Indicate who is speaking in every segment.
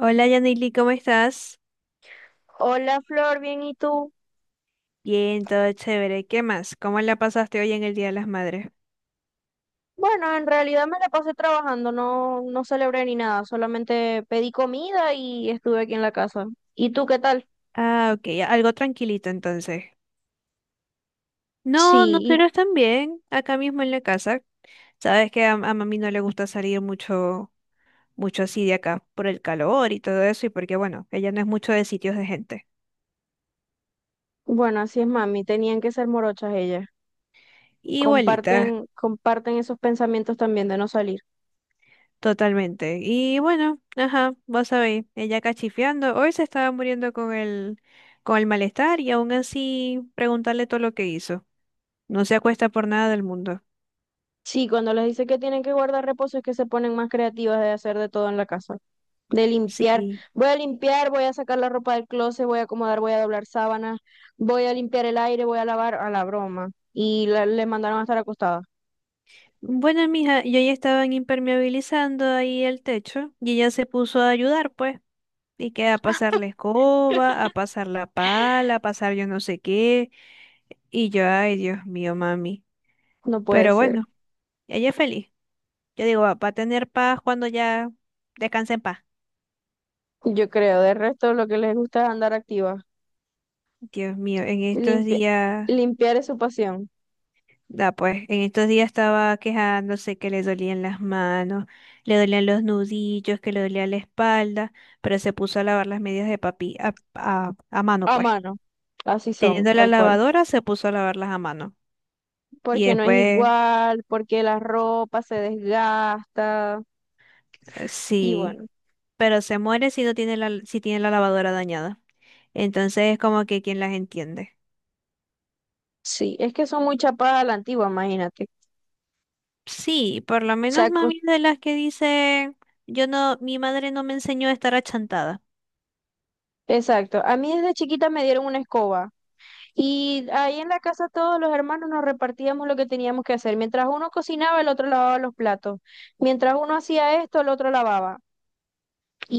Speaker 1: Hola Yanili, ¿cómo estás?
Speaker 2: Hola Flor, bien, ¿y tú?
Speaker 1: Bien, todo chévere. ¿Qué más? ¿Cómo la pasaste hoy en el Día de las Madres?
Speaker 2: Bueno, en realidad me la pasé trabajando, no, no celebré ni nada, solamente pedí comida y estuve aquí en la casa. ¿Y tú qué tal?
Speaker 1: Ah, ok, algo tranquilito entonces. No,
Speaker 2: Sí,
Speaker 1: nosotros también, acá mismo en la casa. Sabes que a mami no le gusta salir mucho, mucho así de acá, por el calor y todo eso, y porque bueno, ella no es mucho de sitios de gente.
Speaker 2: y bueno, así es mami, tenían que ser morochas ellas.
Speaker 1: Igualita,
Speaker 2: Comparten, comparten esos pensamientos también de no salir.
Speaker 1: totalmente. Y bueno, ajá, vos sabéis, ella cachifiando, hoy se estaba muriendo con el malestar y aún así preguntarle todo lo que hizo. No se acuesta por nada del mundo.
Speaker 2: Sí, cuando les dice que tienen que guardar reposo es que se ponen más creativas de hacer de todo en la casa. De limpiar.
Speaker 1: Sí.
Speaker 2: Voy a limpiar, voy a sacar la ropa del closet, voy a acomodar, voy a doblar sábanas, voy a limpiar el aire, voy a lavar a la broma. Y le mandaron a estar acostada.
Speaker 1: Bueno, mija, yo ya estaban impermeabilizando ahí el techo y ella se puso a ayudar, pues. Y que a pasar la escoba, a pasar la pala, a pasar yo no sé qué. Y yo, ay, Dios mío, mami.
Speaker 2: No puede
Speaker 1: Pero
Speaker 2: ser.
Speaker 1: bueno, ella es feliz. Yo digo, va a tener paz cuando ya descanse en paz.
Speaker 2: Yo creo, de resto lo que les gusta es andar activa.
Speaker 1: Dios mío, en estos
Speaker 2: Limpia-
Speaker 1: días.
Speaker 2: Limpiar es su pasión.
Speaker 1: Da pues, en estos días estaba quejándose que le dolían las manos, le dolían los nudillos, que le dolía la espalda, pero se puso a lavar las medias de papi a mano,
Speaker 2: A
Speaker 1: pues.
Speaker 2: mano. Así son,
Speaker 1: Teniendo la
Speaker 2: tal cual.
Speaker 1: lavadora, se puso a lavarlas a mano. Y
Speaker 2: Porque no es
Speaker 1: después,
Speaker 2: igual, porque la ropa se desgasta. Y
Speaker 1: sí,
Speaker 2: bueno,
Speaker 1: pero se muere si no tiene la, si tiene la lavadora dañada. Entonces es como que quién las entiende.
Speaker 2: sí, es que son muy chapadas a la antigua, imagínate. O
Speaker 1: Sí, por lo menos
Speaker 2: sea,
Speaker 1: mami es de las que dice, yo no, mi madre no me enseñó a estar achantada.
Speaker 2: exacto. A mí desde chiquita me dieron una escoba. Y ahí en la casa todos los hermanos nos repartíamos lo que teníamos que hacer. Mientras uno cocinaba, el otro lavaba los platos. Mientras uno hacía esto, el otro lavaba.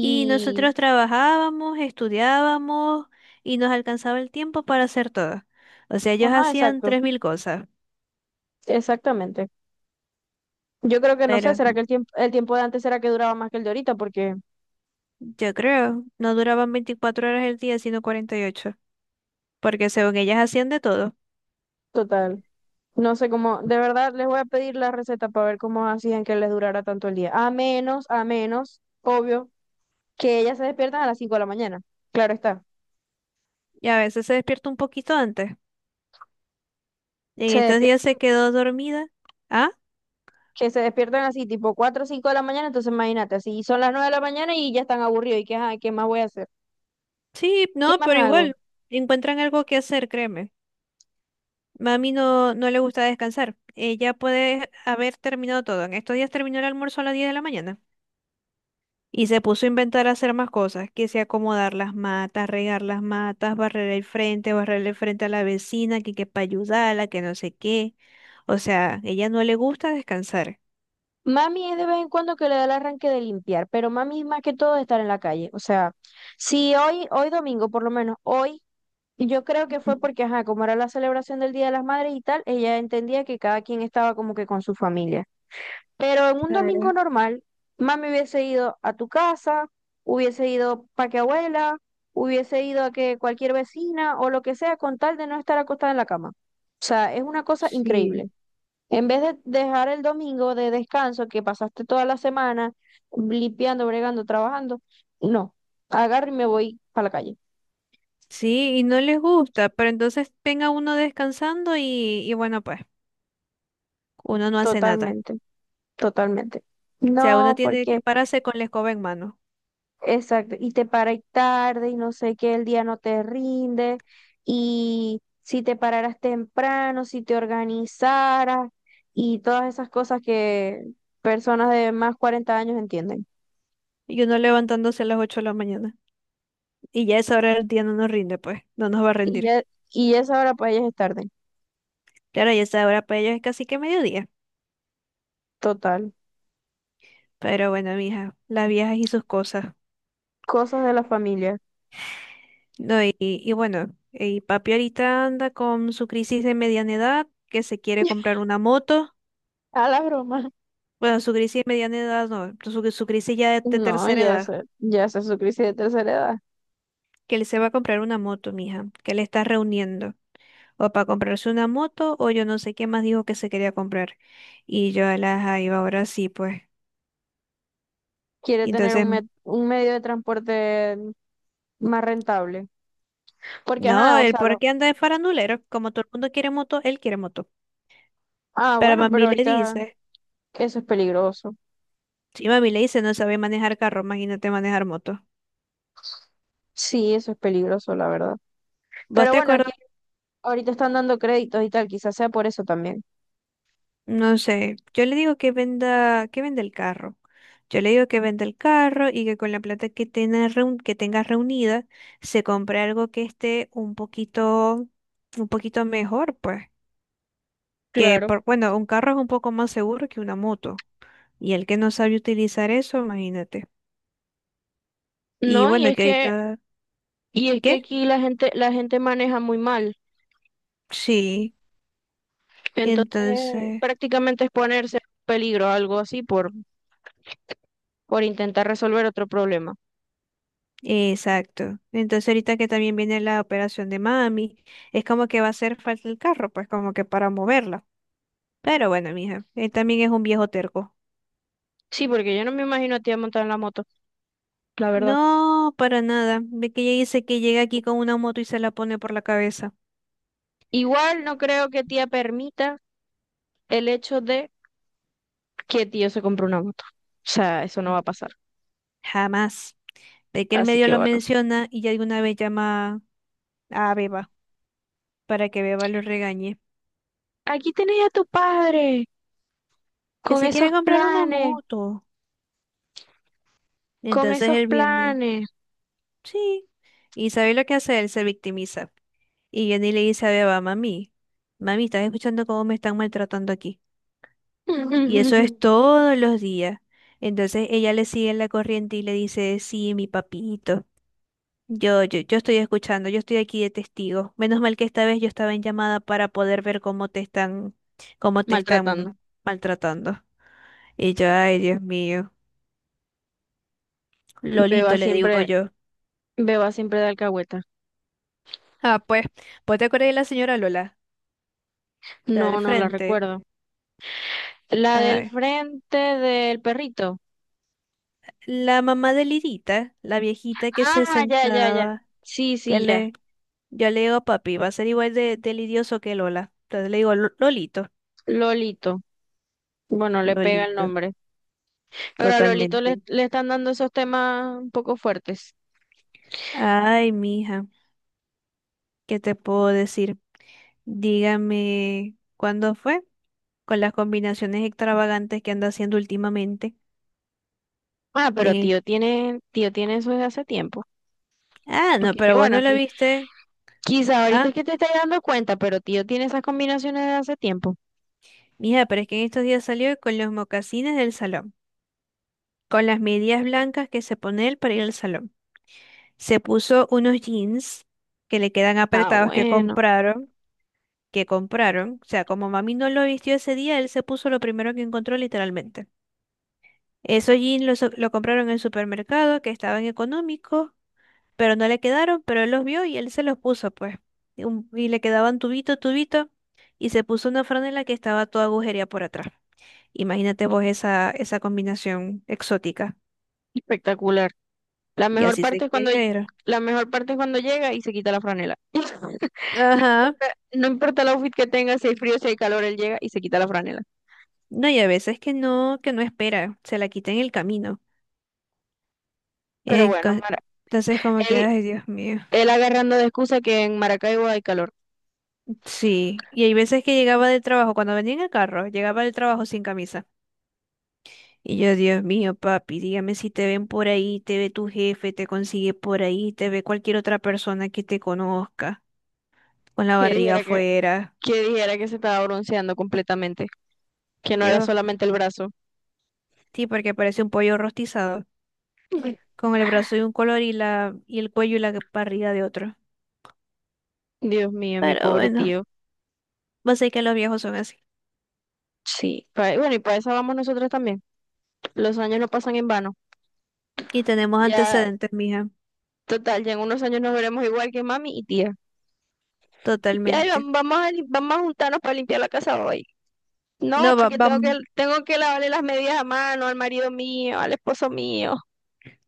Speaker 1: Y nosotros trabajábamos, estudiábamos y nos alcanzaba el tiempo para hacer todo. O sea, ellos
Speaker 2: ajá,
Speaker 1: hacían
Speaker 2: exacto,
Speaker 1: 3.000 cosas,
Speaker 2: exactamente. Yo creo que no sé,
Speaker 1: pero
Speaker 2: será que el tiempo de antes será que duraba más que el de ahorita, porque,
Speaker 1: yo creo, no duraban 24 horas el día, sino 48, porque según ellas hacían de todo.
Speaker 2: total, no sé cómo, de verdad les voy a pedir la receta para ver cómo hacían que les durara tanto el día. A menos, obvio, que ellas se despiertan a las 5 de la mañana. Claro está.
Speaker 1: Y a veces se despierta un poquito antes. En
Speaker 2: Se
Speaker 1: estos días
Speaker 2: despiertan
Speaker 1: se quedó dormida. Ah,
Speaker 2: Que se despiertan así, tipo 4 o 5 de la mañana, entonces imagínate, si son las 9 de la mañana y ya están aburridos, ¿y qué, ajá, qué más voy a hacer?
Speaker 1: sí,
Speaker 2: ¿Qué
Speaker 1: no,
Speaker 2: más
Speaker 1: pero
Speaker 2: hago?
Speaker 1: igual, encuentran algo que hacer, créeme. Mami no, no le gusta descansar. Ella puede haber terminado todo. En estos días terminó el almuerzo a las 10 de la mañana. Y se puso a inventar hacer más cosas, que sea acomodar las matas, regar las matas, barrer el frente a la vecina, que para ayudarla, que no sé qué. O sea, ella no le gusta descansar.
Speaker 2: Mami es de vez en cuando que le da el arranque de limpiar, pero mami es más que todo de estar en la calle. O sea, si hoy domingo, por lo menos hoy, yo creo que fue
Speaker 1: Mm,
Speaker 2: porque, ajá, como era la celebración del Día de las Madres y tal, ella entendía que cada quien estaba como que con su familia. Pero en un domingo
Speaker 1: claro,
Speaker 2: normal, mami hubiese ido a tu casa, hubiese ido para que abuela, hubiese ido a que cualquier vecina o lo que sea, con tal de no estar acostada en la cama. O sea, es una cosa
Speaker 1: sí.
Speaker 2: increíble. En vez de dejar el domingo de descanso que pasaste toda la semana limpiando, bregando, trabajando, no, agarro y me voy para la calle.
Speaker 1: Sí, y no les gusta, pero entonces venga uno descansando y bueno, pues uno no hace nada.
Speaker 2: Totalmente, totalmente.
Speaker 1: O sea, uno
Speaker 2: No,
Speaker 1: tiene que
Speaker 2: porque
Speaker 1: pararse con la escoba en mano
Speaker 2: exacto, y te paras tarde y no sé qué, el día no te rinde, y si te pararas temprano, si te organizaras, y todas esas cosas que personas de más 40 años entienden.
Speaker 1: y uno levantándose a las 8 de la mañana. Y ya a esa hora del día no nos rinde, pues, no nos va a
Speaker 2: Y
Speaker 1: rendir.
Speaker 2: ya, y ya esa hora para ellas es tarde,
Speaker 1: Claro, y esa hora para ellos es casi que mediodía.
Speaker 2: total.
Speaker 1: Pero bueno, mija, las viejas y sus cosas.
Speaker 2: Cosas de la familia.
Speaker 1: No, y bueno, y papi ahorita anda con su crisis de mediana edad, que se quiere comprar una moto.
Speaker 2: A la broma.
Speaker 1: Bueno, su crisis de mediana edad no, su crisis ya de
Speaker 2: No,
Speaker 1: tercera edad,
Speaker 2: ya sé su crisis de tercera edad.
Speaker 1: que él se va a comprar una moto, mija, que le está reuniendo. O para comprarse una moto, o yo no sé qué más dijo que se quería comprar. Y yo a la iba ahora sí, pues.
Speaker 2: Quiere
Speaker 1: Y
Speaker 2: tener
Speaker 1: Entonces,
Speaker 2: un medio de transporte más rentable. Porque,
Speaker 1: no,
Speaker 2: ajá, o
Speaker 1: él
Speaker 2: sea,
Speaker 1: por
Speaker 2: lo...
Speaker 1: qué anda de farandulero, como todo el mundo quiere moto, él quiere moto.
Speaker 2: Ah,
Speaker 1: Pero
Speaker 2: bueno, pero
Speaker 1: mami le
Speaker 2: ahorita...
Speaker 1: dice.
Speaker 2: Eso es peligroso.
Speaker 1: Sí, mami le dice, no sabe manejar carro, imagínate manejar moto.
Speaker 2: Sí, eso es peligroso, la verdad.
Speaker 1: ¿Vos
Speaker 2: Pero
Speaker 1: te
Speaker 2: bueno, aquí
Speaker 1: acuerdas?
Speaker 2: ahorita están dando créditos y tal, quizás sea por eso también.
Speaker 1: No sé, yo le digo que venda el carro. Yo le digo que venda el carro y que con la plata que tenga, que tenga reunida se compre algo que esté un poquito mejor, pues. Que
Speaker 2: Claro.
Speaker 1: por, bueno, un carro es un poco más seguro que una moto. Y el que no sabe utilizar eso, imagínate. Y
Speaker 2: No, y
Speaker 1: bueno,
Speaker 2: es
Speaker 1: que
Speaker 2: que,
Speaker 1: ahorita, ¿qué?
Speaker 2: aquí la gente maneja muy mal.
Speaker 1: Sí,
Speaker 2: Entonces,
Speaker 1: entonces.
Speaker 2: prácticamente es ponerse en peligro, algo así, por intentar resolver otro problema.
Speaker 1: Exacto. Entonces ahorita que también viene la operación de mami, es como que va a hacer falta el carro, pues como que para moverla. Pero bueno, mija, él también es un viejo terco.
Speaker 2: Sí, porque yo no me imagino a tía montada en la moto, la verdad.
Speaker 1: No, para nada. Ve que ella dice que llega aquí con una moto y se la pone por la cabeza.
Speaker 2: Igual no creo que tía permita el hecho de que tío se compre una moto. O sea, eso no va a pasar.
Speaker 1: Jamás. Ve que el
Speaker 2: Así
Speaker 1: medio
Speaker 2: que
Speaker 1: lo
Speaker 2: bueno.
Speaker 1: menciona y ya de una vez llama a Beba para que Beba lo regañe.
Speaker 2: Aquí tenés a tu padre.
Speaker 1: Que
Speaker 2: Con
Speaker 1: se quiere
Speaker 2: esos
Speaker 1: comprar una
Speaker 2: planes,
Speaker 1: moto.
Speaker 2: con
Speaker 1: Entonces
Speaker 2: esos
Speaker 1: él viene.
Speaker 2: planes.
Speaker 1: Sí. ¿Y sabe lo que hace? Él se victimiza. Y Johnny le dice a Beba, mami, mami, estás escuchando cómo me están maltratando aquí. Y eso es todos los días. Entonces ella le sigue en la corriente y le dice, sí, mi papito. Yo estoy escuchando, yo estoy aquí de testigo. Menos mal que esta vez yo estaba en llamada para poder ver cómo te están, cómo te
Speaker 2: Maltratando.
Speaker 1: están maltratando. Y yo, ay, Dios mío. Lolito,
Speaker 2: Beba
Speaker 1: le digo
Speaker 2: siempre,
Speaker 1: yo.
Speaker 2: Beba siempre de alcahueta.
Speaker 1: Ah, pues, ¿vos te acordás de la señora Lola? La
Speaker 2: No,
Speaker 1: del
Speaker 2: no la
Speaker 1: frente.
Speaker 2: recuerdo. La del
Speaker 1: Ay,
Speaker 2: frente del perrito.
Speaker 1: la mamá de Lidita, la viejita que se
Speaker 2: Ah, ya, ya, ya.
Speaker 1: sentaba,
Speaker 2: Sí,
Speaker 1: que
Speaker 2: sí, ya.
Speaker 1: le, yo le digo, papi, va a ser igual de lidioso que Lola. Entonces le digo, "Lolito,
Speaker 2: Lolito. Bueno, le pega el
Speaker 1: Lolito,
Speaker 2: nombre. Pero a Lolito le,
Speaker 1: totalmente.
Speaker 2: le están dando esos temas un poco fuertes.
Speaker 1: Ay, mija, ¿qué te puedo decir? Dígame, ¿cuándo fue? Con las combinaciones extravagantes que anda haciendo últimamente.
Speaker 2: Ah, pero
Speaker 1: De-
Speaker 2: tío tiene eso desde hace tiempo.
Speaker 1: Ah, no,
Speaker 2: Porque es que
Speaker 1: pero vos
Speaker 2: bueno,
Speaker 1: no lo
Speaker 2: aquí
Speaker 1: viste.
Speaker 2: quizá ahorita
Speaker 1: Ah,
Speaker 2: es que te estás dando cuenta, pero tío tiene esas combinaciones de hace tiempo.
Speaker 1: mija, pero es que en estos días salió con los mocasines del salón, con las medias blancas que se pone él para ir al salón. Se puso unos jeans que le quedan
Speaker 2: Ah,
Speaker 1: apretados que
Speaker 2: bueno,
Speaker 1: compraron, que compraron. O sea, como mami no lo vistió ese día, él se puso lo primero que encontró literalmente. Esos jeans los, lo compraron en el supermercado, que estaban económicos, pero no le quedaron, pero él los vio y él se los puso, pues. Y, y le quedaban tubito, tubito, y se puso una franela que estaba toda agujería por atrás. Imagínate vos esa combinación exótica.
Speaker 2: espectacular. La
Speaker 1: Y
Speaker 2: mejor
Speaker 1: así se
Speaker 2: parte es cuando
Speaker 1: quería ir.
Speaker 2: la mejor parte es cuando llega y se quita la franela.
Speaker 1: Ajá.
Speaker 2: No importa, no importa el outfit que tenga, si hay frío, si hay calor, él llega y se quita la franela.
Speaker 1: No, y a veces que no espera, se la quita en el camino.
Speaker 2: Pero
Speaker 1: Eh, co-
Speaker 2: bueno, Mara,
Speaker 1: Entonces como que,
Speaker 2: él,
Speaker 1: ay, Dios mío.
Speaker 2: él agarrando de excusa que en Maracaibo hay calor.
Speaker 1: Sí, y hay veces que llegaba del trabajo, cuando venía en el carro, llegaba del trabajo sin camisa. Y yo, Dios mío, papi, dígame si te ven por ahí, te ve tu jefe, te consigue por ahí, te ve cualquier otra persona que te conozca, con la
Speaker 2: Que
Speaker 1: barriga
Speaker 2: dijera que,
Speaker 1: afuera.
Speaker 2: que dijera que se estaba bronceando completamente, que no era
Speaker 1: Dios,
Speaker 2: solamente el brazo.
Speaker 1: sí, porque parece un pollo rostizado, con el brazo de un color y la, y el cuello y la barriga de otro.
Speaker 2: Dios mío, mi
Speaker 1: Pero
Speaker 2: pobre
Speaker 1: bueno,
Speaker 2: tío.
Speaker 1: vos sabés que los viejos son así.
Speaker 2: Sí, bueno, y para eso vamos nosotros también. Los años no pasan en vano.
Speaker 1: Y tenemos
Speaker 2: Ya,
Speaker 1: antecedentes, mija,
Speaker 2: total, ya en unos años nos veremos igual que mami y tía.
Speaker 1: totalmente.
Speaker 2: Vamos a, vamos a juntarnos para limpiar la casa hoy. No,
Speaker 1: No, va,
Speaker 2: porque tengo que lavarle las medias a mano al marido mío, al esposo mío.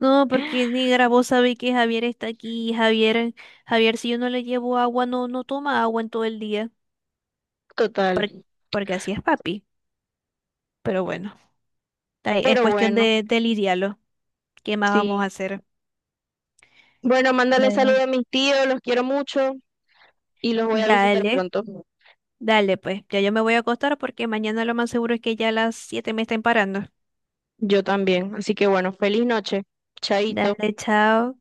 Speaker 1: No, porque ni grabó sabe que Javier está aquí. Javier, Javier, si yo no le llevo agua, no toma agua en todo el día,
Speaker 2: Total.
Speaker 1: porque así es papi. Pero bueno, ahí es
Speaker 2: Pero
Speaker 1: cuestión
Speaker 2: bueno,
Speaker 1: de lidiarlo. ¿Qué más
Speaker 2: sí.
Speaker 1: vamos a hacer?
Speaker 2: Bueno, mándale saludos
Speaker 1: Claro.
Speaker 2: a mis tíos, los quiero mucho y los voy a visitar
Speaker 1: Dale,
Speaker 2: pronto.
Speaker 1: dale, pues. Ya yo me voy a acostar porque mañana lo más seguro es que ya a las 7 me estén parando.
Speaker 2: Yo también. Así que bueno, feliz noche. Chaito.
Speaker 1: Dale, chao.